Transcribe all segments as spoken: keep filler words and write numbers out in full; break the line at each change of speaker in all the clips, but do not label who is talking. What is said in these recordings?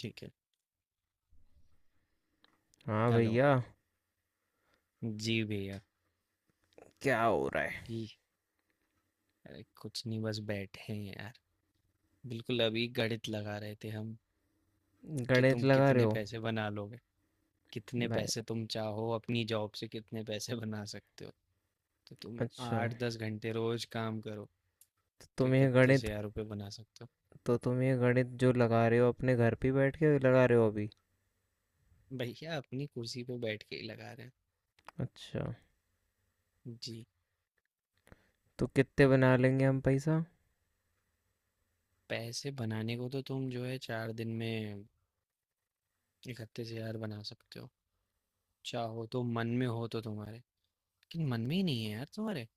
ठीक है।
हाँ
हेलो।
भैया।
जी भैया।
क्या हो रहा है।
जी। अरे कुछ नहीं, बस बैठे हैं यार। बिल्कुल अभी गणित लगा रहे थे हम कि
गणित
तुम
लगा रहे
कितने
हो।
पैसे बना लोगे। कितने
भाई।
पैसे तुम चाहो, अपनी जॉब से कितने पैसे बना सकते हो। तो तुम
अच्छा।
आठ दस घंटे रोज काम करो।
तो
तो
तुम ये
इकतीस
गणित
हजार रुपये बना सकते।
तो तुम ये गणित जो लगा रहे हो अपने घर पे बैठ के लगा रहे हो अभी।
हो भैया, अपनी कुर्सी पे बैठ के ही लगा रहे हैं।
अच्छा।
जी।
तो कितने बना लेंगे हम पैसा।
पैसे बनाने को तो तुम जो है, चार दिन में इकतीस हजार बना सकते हो। चाहो तो, मन में हो तो तुम्हारे। लेकिन मन में ही नहीं है यार तुम्हारे।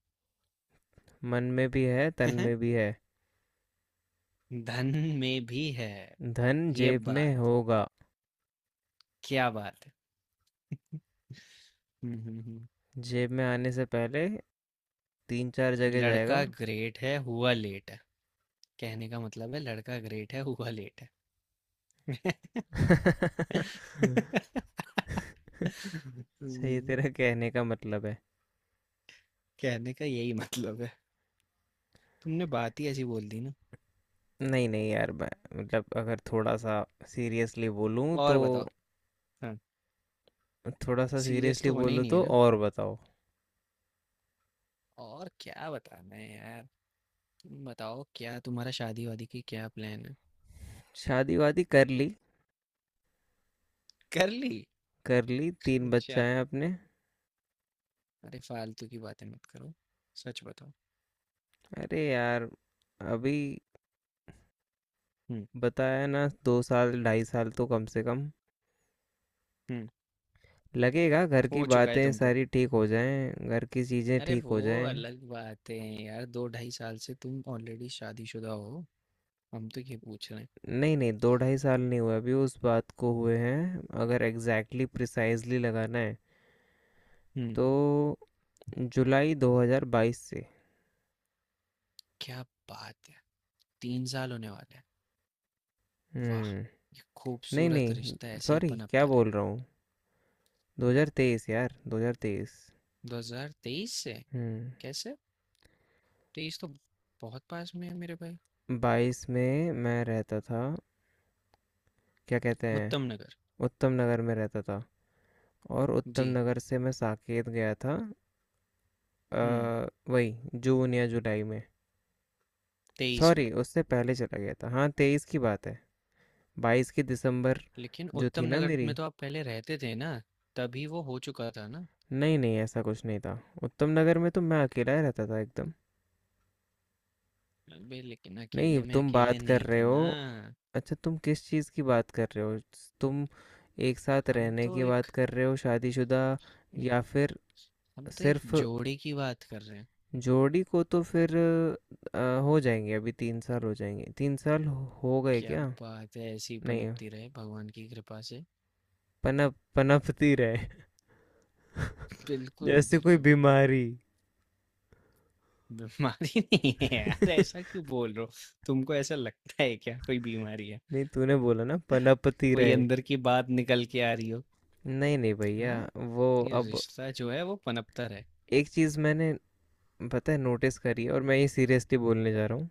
मन में भी है तन में भी है।
धन में भी है।
धन
ये
जेब
बात।
में होगा।
क्या बात है। हम्म, हम्म, हम्म।
जेब में आने से पहले तीन चार जगह जाएगा।
लड़का ग्रेट है, हुआ लेट है। कहने का मतलब है, लड़का ग्रेट है, हुआ लेट है।
सही
हम्म।
तेरा कहने का मतलब है।
कहने का यही मतलब है। तुमने बात ही ऐसी बोल दी ना।
नहीं नहीं यार मैं मतलब अगर थोड़ा सा सीरियसली बोलूँ तो
और बताओ। हाँ,
थोड़ा सा
सीरियस
सीरियसली
तो होना ही
बोलूँ
नहीं है
तो
ना।
और बताओ।
और क्या बताना है यार। तुम बताओ, क्या तुम्हारा शादी वादी की क्या प्लान है।
शादी वादी कर ली।
कर ली?
कर ली तीन बच्चा
अच्छा।
है अपने।
अरे फालतू की बातें मत करो। सच बताओ।
अरे यार अभी
हम्म,
बताया ना दो साल ढाई साल तो कम से कम
हम्म।
लगेगा, घर की
हो चुका है
बातें
तुमको।
सारी ठीक हो जाएं, घर की चीज़ें
अरे
ठीक
वो
हो जाएं।
अलग बात है। यार दो ढाई साल से तुम ऑलरेडी शादीशुदा हो। हम तो ये पूछ रहे हैं।
नहीं नहीं दो ढाई साल नहीं हुए अभी उस बात को हुए हैं, अगर एग्जैक्टली प्रिसाइजली लगाना है
हम्म।
तो जुलाई दो हज़ार बाईस से।
क्या बात है। तीन साल होने वाले हैं। वाह!
हम्म।
ये
नहीं
खूबसूरत
नहीं
रिश्ता ऐसे ही
सॉरी क्या
पनपता रहे।
बोल रहा हूँ, दो हज़ार तेईस यार दो हज़ार तेईस।
दो हज़ार तेईस से?
हम्म।
कैसे? तेईस तो बहुत पास में है मेरे भाई।
बाईस में मैं रहता था। क्या कहते
उत्तम
हैं,
नगर।
उत्तम नगर में रहता था। और उत्तम
जी।
नगर से मैं साकेत गया था।
हम्म।
अ, वही जून या जुलाई में।
तेईस में?
सॉरी उससे पहले चला गया था, हाँ तेईस की बात है। बाईस की दिसंबर
लेकिन
जो
उत्तम
थी ना
नगर में
मेरी।
तो आप पहले रहते थे ना, तभी वो हो चुका था ना।
नहीं नहीं ऐसा कुछ नहीं था, उत्तम नगर में तो मैं अकेला ही रहता था एकदम।
अबे लेकिन
नहीं
अकेले में
तुम
अकेले
बात कर
नहीं
रहे
थे
हो।
ना।
अच्छा तुम किस चीज़ की बात कर रहे हो। तुम एक साथ
हम
रहने
तो
की बात
एक
कर रहे हो शादीशुदा या फिर
हम तो एक
सिर्फ
जोड़े की बात कर रहे हैं।
जोड़ी को तो फिर अ, हो जाएंगे अभी तीन साल हो जाएंगे, तीन साल हो हो गए
क्या
क्या।
बात है, ऐसी
नहीं
पनपती रहे भगवान की कृपा से।
पनप पनपती रहे
बिल्कुल,
जैसे कोई
बिल्कुल।
बीमारी।
बीमारी नहीं है यार, ऐसा क्यों बोल रहे हो? तुमको ऐसा लगता है क्या कोई बीमारी है?
नहीं तूने बोला ना पनपती
कोई
रहे।
अंदर की बात निकल के आ रही हो?
नहीं नहीं भैया
हाँ,
वो
ये
अब
रिश्ता जो है वो पनपता रहे।
एक चीज़ मैंने पता है नोटिस करी है, और मैं ये सीरियसली बोलने जा रहा हूँ,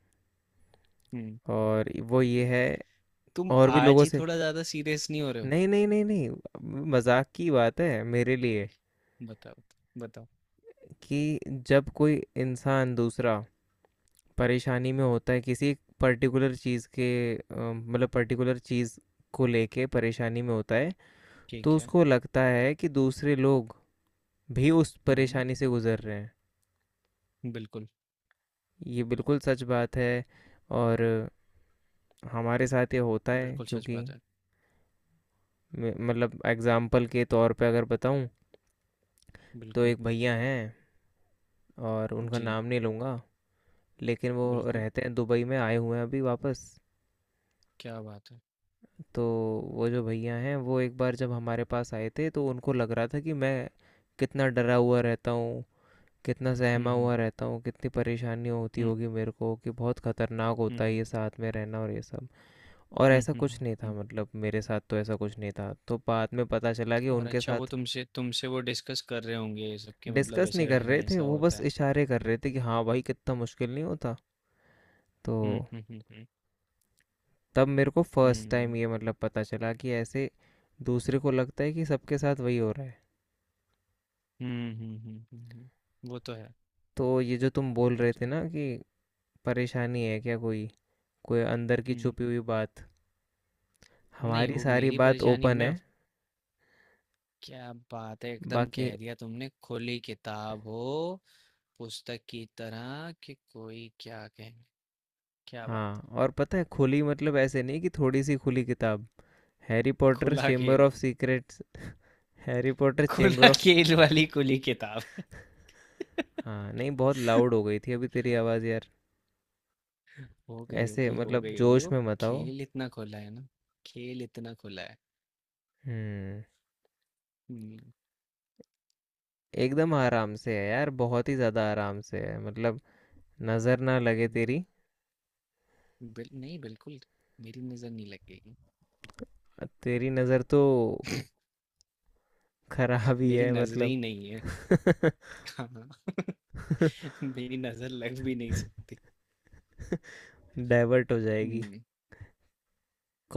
हम्म
और वो ये है
तुम
और भी
आज
लोगों
ही
से।
थोड़ा ज्यादा सीरियस नहीं हो रहे हो?
नहीं नहीं नहीं नहीं मजाक की बात है मेरे लिए।
बताओ, बताओ।
कि जब कोई इंसान दूसरा परेशानी में होता है किसी पर्टिकुलर चीज़ के, अ, मतलब पर्टिकुलर चीज़ को लेके परेशानी में होता है, तो
ठीक है।
उसको लगता है कि दूसरे लोग भी उस
हम्म।
परेशानी से गुजर रहे हैं।
बिल्कुल।
ये बिल्कुल सच बात है। और हमारे साथ ये होता है
बिल्कुल सच
क्योंकि
बात है।
मे- मतलब एग्जाम्पल के तौर पे अगर बताऊँ तो
बिल्कुल।
एक भैया हैं, और उनका
जी।
नाम नहीं लूँगा, लेकिन वो
बिल्कुल।
रहते हैं दुबई में, आए हुए हैं अभी वापस।
क्या बात है।
तो वो जो भैया हैं वो एक बार जब हमारे पास आए थे तो उनको लग रहा था कि मैं कितना डरा हुआ रहता हूँ, कितना
हम्म,
सहमा
हम्म,
हुआ रहता हूँ, कितनी परेशानी होती
हम्म,
होगी मेरे को, कि बहुत खतरनाक
हम्म,
होता है
हम्म।
ये साथ में रहना, और ये सब। और
हुँ,
ऐसा
हुँ,
कुछ
हुँ,
नहीं था,
हुँ।
मतलब मेरे साथ तो ऐसा कुछ नहीं था, तो बाद में पता चला कि
और
उनके
अच्छा, वो
साथ
तुमसे तुमसे वो डिस्कस कर रहे होंगे ये सब कि मतलब
डिस्कस नहीं
ऐसे
कर
रहना
रहे थे,
ऐसा
वो
होता
बस
है।
इशारे कर रहे थे कि हाँ भाई कितना मुश्किल नहीं होता। तो
हुँ, हुँ, हुँ, हुँ।
तब मेरे को फर्स्ट
हुँ।
टाइम ये मतलब पता चला कि ऐसे दूसरे को लगता है कि सबके साथ वही हो रहा है।
हुँ, हुँ, हुँ, हुँ, हुँ। वो तो है,
तो ये जो तुम बोल
वो
रहे
तो
थे
है।
ना कि परेशानी है क्या कोई कोई अंदर की
हुँ।
छुपी हुई बात,
नहीं
हमारी
वो
सारी
मेरी
बात
परेशानी,
ओपन
मैं।
है
क्या बात है, एकदम
बाकी।
कह दिया तुमने, खुली किताब हो, पुस्तक की तरह कि कोई क्या कहे। क्या बात!
हाँ। और पता है खुली मतलब ऐसे नहीं कि थोड़ी सी खुली किताब, हैरी पॉटर
खुला
चेम्बर
खेल,
of secrets. Harry Potter chamber
खुला
ऑफ
खेल वाली खुली किताब।
हाँ नहीं बहुत लाउड हो गई थी अभी तेरी आवाज़ यार।
हो गई
ऐसे
होगी, हो
मतलब
गई होगी।
जोश
वो
में मत आओ।
खेल इतना खुला है ना, खेल इतना खुला है।
हम्म।
हुँ,
एकदम आराम से है यार, बहुत ही ज़्यादा आराम से है मतलब, नज़र ना लगे
हुँ,
तेरी।
बिल नहीं बिल्कुल, मेरी नज़र नहीं लगेगी,
तेरी नज़र तो खराब ही
मेरी
है
नज़रें ही
मतलब,
नहीं है। हाँ, मेरी नज़र लग भी नहीं सकती।
डाइवर्ट हो जाएगी
हुँ,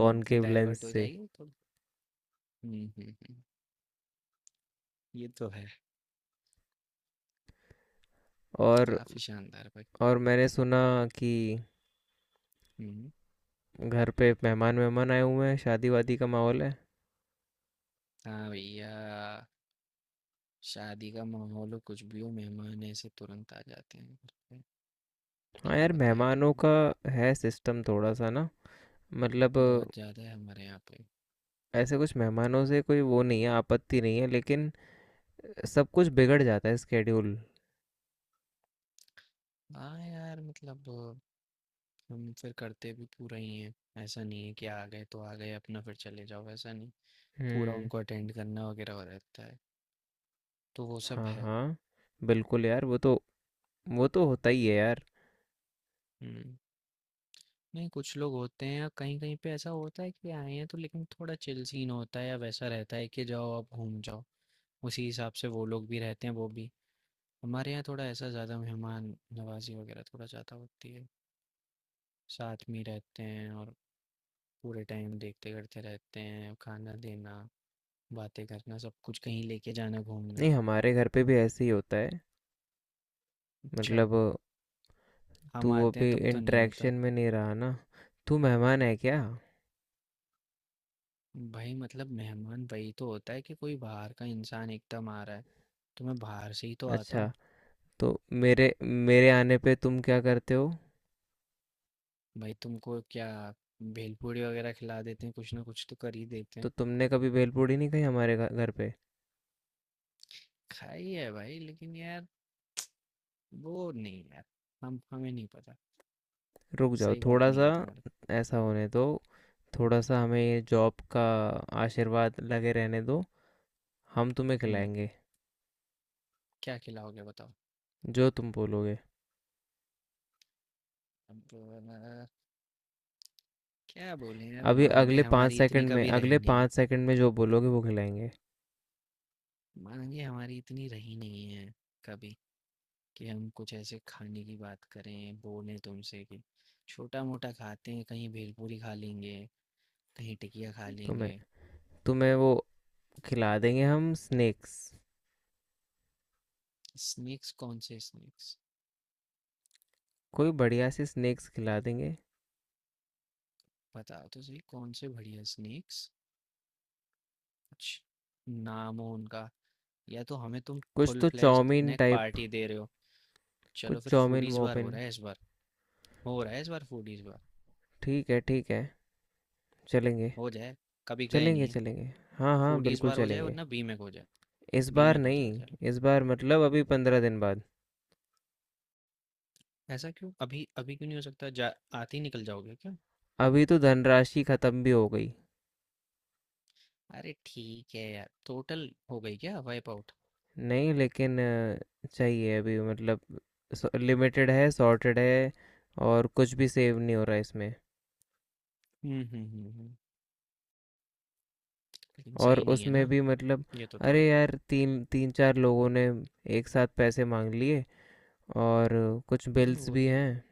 हुँ,
लेंस
डाइवर्ट हो
से।
जाएगी तो। हुँ, हुँ, हुँ, ये तो है,
और
काफ़ी शानदार भाई।
और मैंने सुना कि
हुँ।
घर पे मेहमान मेहमान आए हुए हैं, शादी वादी का माहौल है।
हाँ भैया, शादी का माहौल हो, कुछ भी हो, मेहमान ऐसे तुरंत आ जाते हैं घर पे।
हाँ
क्या
यार
बताएँ
मेहमानों
तुम्हें,
का है सिस्टम थोड़ा सा ना मतलब,
बहुत ज़्यादा है हमारे यहाँ पे।
ऐसे कुछ मेहमानों से कोई वो नहीं है, आपत्ति नहीं है, लेकिन सब कुछ बिगड़ जाता है स्केड्यूल।
हाँ यार, मतलब हम फिर करते भी पूरा ही हैं, ऐसा नहीं है कि आ गए तो आ गए, अपना फिर चले जाओ, ऐसा नहीं। पूरा
हम्म।
उनको अटेंड करना वगैरह हो रहता है, तो वो सब
हाँ
है।
हाँ बिल्कुल यार, वो तो वो तो होता ही है यार।
हम्म। नहीं, कुछ लोग होते हैं या कहीं कहीं पे ऐसा होता है कि आए हैं तो, लेकिन थोड़ा चिल सीन होता है या वैसा रहता है कि जाओ आप घूम जाओ। उसी हिसाब से वो लोग भी रहते हैं, वो भी। हमारे यहाँ थोड़ा ऐसा ज़्यादा मेहमान नवाजी वगैरह थोड़ा ज़्यादा होती है। साथ में ही रहते हैं और पूरे टाइम देखते करते रहते हैं, खाना देना, बातें करना, सब कुछ, कहीं लेके जाना घूमने।
नहीं हमारे घर पे भी ऐसे ही होता है
अच्छा,
मतलब। तू
हम आते हैं
अभी
तब तो नहीं होता।
इंटरेक्शन में नहीं रहा ना। तू मेहमान है क्या।
भाई मतलब मेहमान वही तो होता है कि कोई बाहर का इंसान एकदम आ रहा है, तो मैं बाहर से ही तो आता
अच्छा।
हूँ।
तो मेरे मेरे आने पे तुम क्या करते हो।
भाई तुमको क्या? भेलपूरी वगैरह खिला देते हैं, कुछ ना कुछ तो कर ही देते
तो
हैं।
तुमने कभी भेलपूरी नहीं खाई हमारे घ- घर पे।
खाई है भाई, लेकिन यार वो नहीं यार, हम हमें नहीं पता।
रुक जाओ
सही बात
थोड़ा
नहीं
सा।
है तुम्हारी।
ऐसा होने दो। थोड़ा सा हमें ये जॉब का आशीर्वाद लगे रहने दो। हम तुम्हें
हम्म
खिलाएंगे।
क्या खिलाओगे, बताओ।
जो तुम बोलोगे।
अब अ, क्या बोले यार,
अभी
मांगे
अगले पाँच
हमारी इतनी
सेकंड में,
कभी रही
अगले
नहीं है।
पाँच सेकंड में जो बोलोगे वो खिलाएंगे।
मांगे हमारी इतनी रही नहीं है कभी, कि हम कुछ ऐसे खाने की बात करें, बोलें तुमसे कि छोटा-मोटा खाते हैं, कहीं भेलपूरी खा लेंगे, कहीं टिकिया खा
तुम्हें
लेंगे।
तुम्हें वो खिला देंगे हम स्नैक्स।
स्नैक्स? कौन से स्नैक्स?
कोई बढ़िया सी स्नैक्स खिला देंगे।
बताओ तो सही, कौन से बढ़िया स्नैक्स? कुछ नाम हो उनका, या तो हमें तुम
कुछ
फुल
तो
fledged
chowmein
snack
type,
party दे रहे हो।
कुछ
चलो फिर
चाउमीन
फूडीज बार हो
वोमिन।
रहा है इस बार। हो रहा है इस बार फूडीज बार।
ठीक है ठीक है। चलेंगे।
हो जाए, कभी गए
चलेंगे,
नहीं है।
चलेंगे। हाँ, हाँ,
फूडीज
बिल्कुल
बार हो जाए
चलेंगे।
वरना बीमेक हो जाए।
इस बार
बीमेक हो जाए
नहीं,
चलो।
इस बार मतलब अभी पंद्रह दिन बाद।
ऐसा क्यों? अभी अभी क्यों नहीं हो सकता? जा आते ही निकल जाओगे क्या?
अभी तो धनराशि खत्म भी हो गई।
अरे ठीक है यार, टोटल हो गई क्या, वाइप आउट?
नहीं लेकिन अ, चाहिए अभी मतलब, स लिमिटेड है, सॉर्टेड है, और कुछ भी सेव नहीं हो रहा है इसमें।
हम्म, हम्म, हम्म, हम्म, लेकिन
और
सही नहीं है
उसमें
ना,
भी मतलब,
ये तो थोड़ा।
अरे यार! तीन तीन चार लोगों ने एक साथ पैसे माँग लिए, और कुछ
नहीं
बिल्स
वो
भी
तो।
हैं।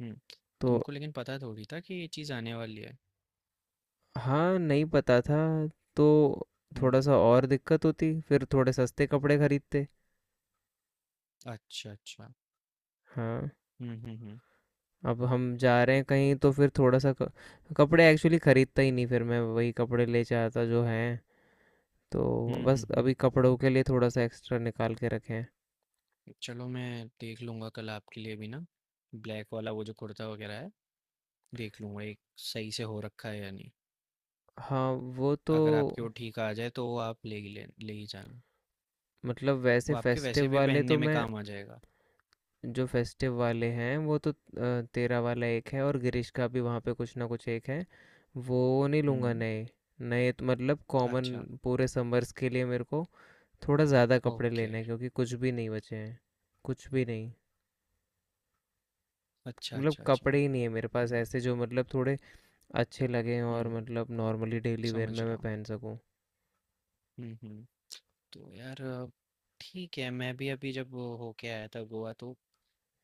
हम्म।
तो
तुमको लेकिन पता थोड़ी था कि ये चीज़ आने वाली है।
हाँ, नहीं पता था। तो
हम्म।
थोड़ा-सा और दिक्कत होती, फिर थोड़े सस्ते कपड़े खरीदते।
अच्छा, अच्छा।
हाँ,
हम्म, हम्म, हम्म,
अब हम जा रहे हैं कहीं तो फिर थोड़ा-सा क कपड़े एक्चुअली खरीदता ही नहीं, फिर मैं वही कपड़े ले जाता जो हैं, तो
हम्म,
बस
हम्म, हम्म।
अभी कपड़ों के लिए थोड़ा-सा एक्स्ट्रा निकाल के रखे हैं।
चलो मैं देख लूँगा कल आपके लिए भी ना, ब्लैक वाला वो जो कुर्ता वगैरह है, देख लूँगा एक, सही से हो रखा है या नहीं।
हाँ, वो तो
अगर आपके वो ठीक आ जाए तो वो आप ले ही ले, ले ही जाना।
मतलब वैसे
वो आपके वैसे
फेस्टिव
भी
वाले
पहनने
तो
में
मैं
काम आ जाएगा।
जो फेस्टिव वाले हैं वो तो अ, तेरा वाला एक है, और गिरीश का भी वहाँ पे कुछ ना कुछ एक है, वो नहीं लूँगा
हम्म।
नए। नए तो मतलब कॉमन,
अच्छा।
पूरे समर्स के लिए मेरे को थोड़ा ज़्यादा कपड़े
ओके।
लेने हैं क्योंकि कुछ भी नहीं बचे हैं, कुछ भी नहीं।
अच्छा,
मतलब
अच्छा, अच्छा।
कपड़े ही नहीं है मेरे पास
हुँ,
ऐसे जो मतलब थोड़े अच्छे लगें और
हुँ,
मतलब नॉर्मली डेली वेयर
समझ
में
रहा
मैं
हूँ।
पहन सकूं।
हुँ, हुँ। तो यार, अ, ठीक है, मैं भी अभी जब वो होके आया था गोवा, तो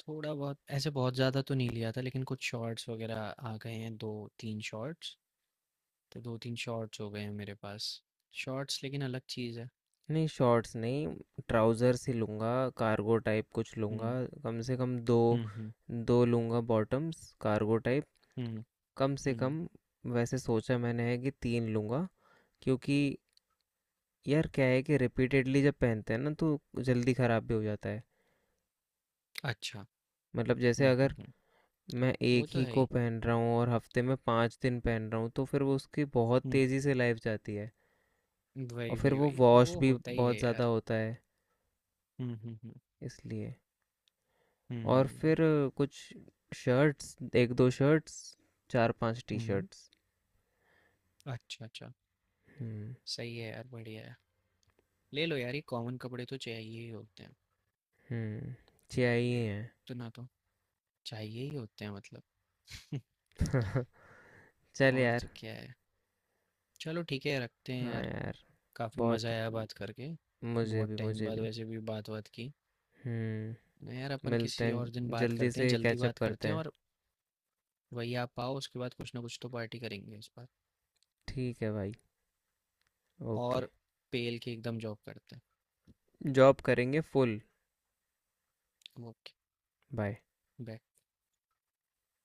थोड़ा बहुत ऐसे, बहुत ज़्यादा तो नहीं लिया था, लेकिन कुछ शॉर्ट्स वग़ैरह आ गए हैं, दो तीन शॉर्ट्स, तो दो तीन शॉर्ट्स हो गए हैं मेरे पास। शॉर्ट्स लेकिन अलग चीज़ है।
नहीं शॉर्ट्स नहीं, ट्राउज़र्स ही लूँगा, कार्गो टाइप कुछ लूँगा
हुँ,
कम से कम दो।
हुँ, हुँ,
दो लूँगा बॉटम्स कार्गो टाइप
हुँ,
कम से
हुँ।
कम। वैसे सोचा मैंने है कि तीन लूँगा क्योंकि यार क्या है कि रिपीटेडली जब पहनते हैं ना तो जल्दी ख़राब भी हो जाता है।
अच्छा।
मतलब जैसे
हुँ, हुँ,
अगर
हुँ।
मैं एक
वो तो
ही
है
को
ही।
पहन रहा हूँ और हफ्ते में पाँच दिन पहन रहा हूँ तो फिर वो उसकी बहुत
हुँ,
तेज़ी से लाइफ जाती है। और
वही,
फिर
वही,
वो
वही।
वॉश
वो
भी
होता ही
बहुत
है
ज़्यादा
यार।
होता है
हुँ, हुँ, हुँ।
इसलिए। और
हुँ,
फिर कुछ शर्ट्स, एक दो शर्ट्स, चार पांच टी
हुँ।
शर्ट्स।
अच्छा, अच्छा।
हम्म।
सही है यार, बढ़िया है। ले लो यार, ये कॉमन कपड़े तो चाहिए ही होते हैं,
हम्म
ले
चाहिए
इतना तो चाहिए ही होते हैं मतलब।
हैं। चल
और
यार।
तो क्या है, चलो ठीक है रखते हैं
हाँ
यार।
यार।
काफी
बहुत।
मजा आया बात करके,
मुझे
बहुत
भी
टाइम
मुझे
बाद
भी।
वैसे भी बात बात की।
हम्म।
ना यार, अपन
मिलते
किसी और दिन
हैं
बात
जल्दी
करते हैं,
से
जल्दी
कैचअप
बात
करते
करते हैं।
हैं।
और वही आप आओ, उसके बाद कुछ ना कुछ तो पार्टी करेंगे इस बार।
ठीक है भाई। ओके।
और पेल के एकदम जॉब करते
जॉब करेंगे फुल।
हैं। ओके।
बाय।
बाय।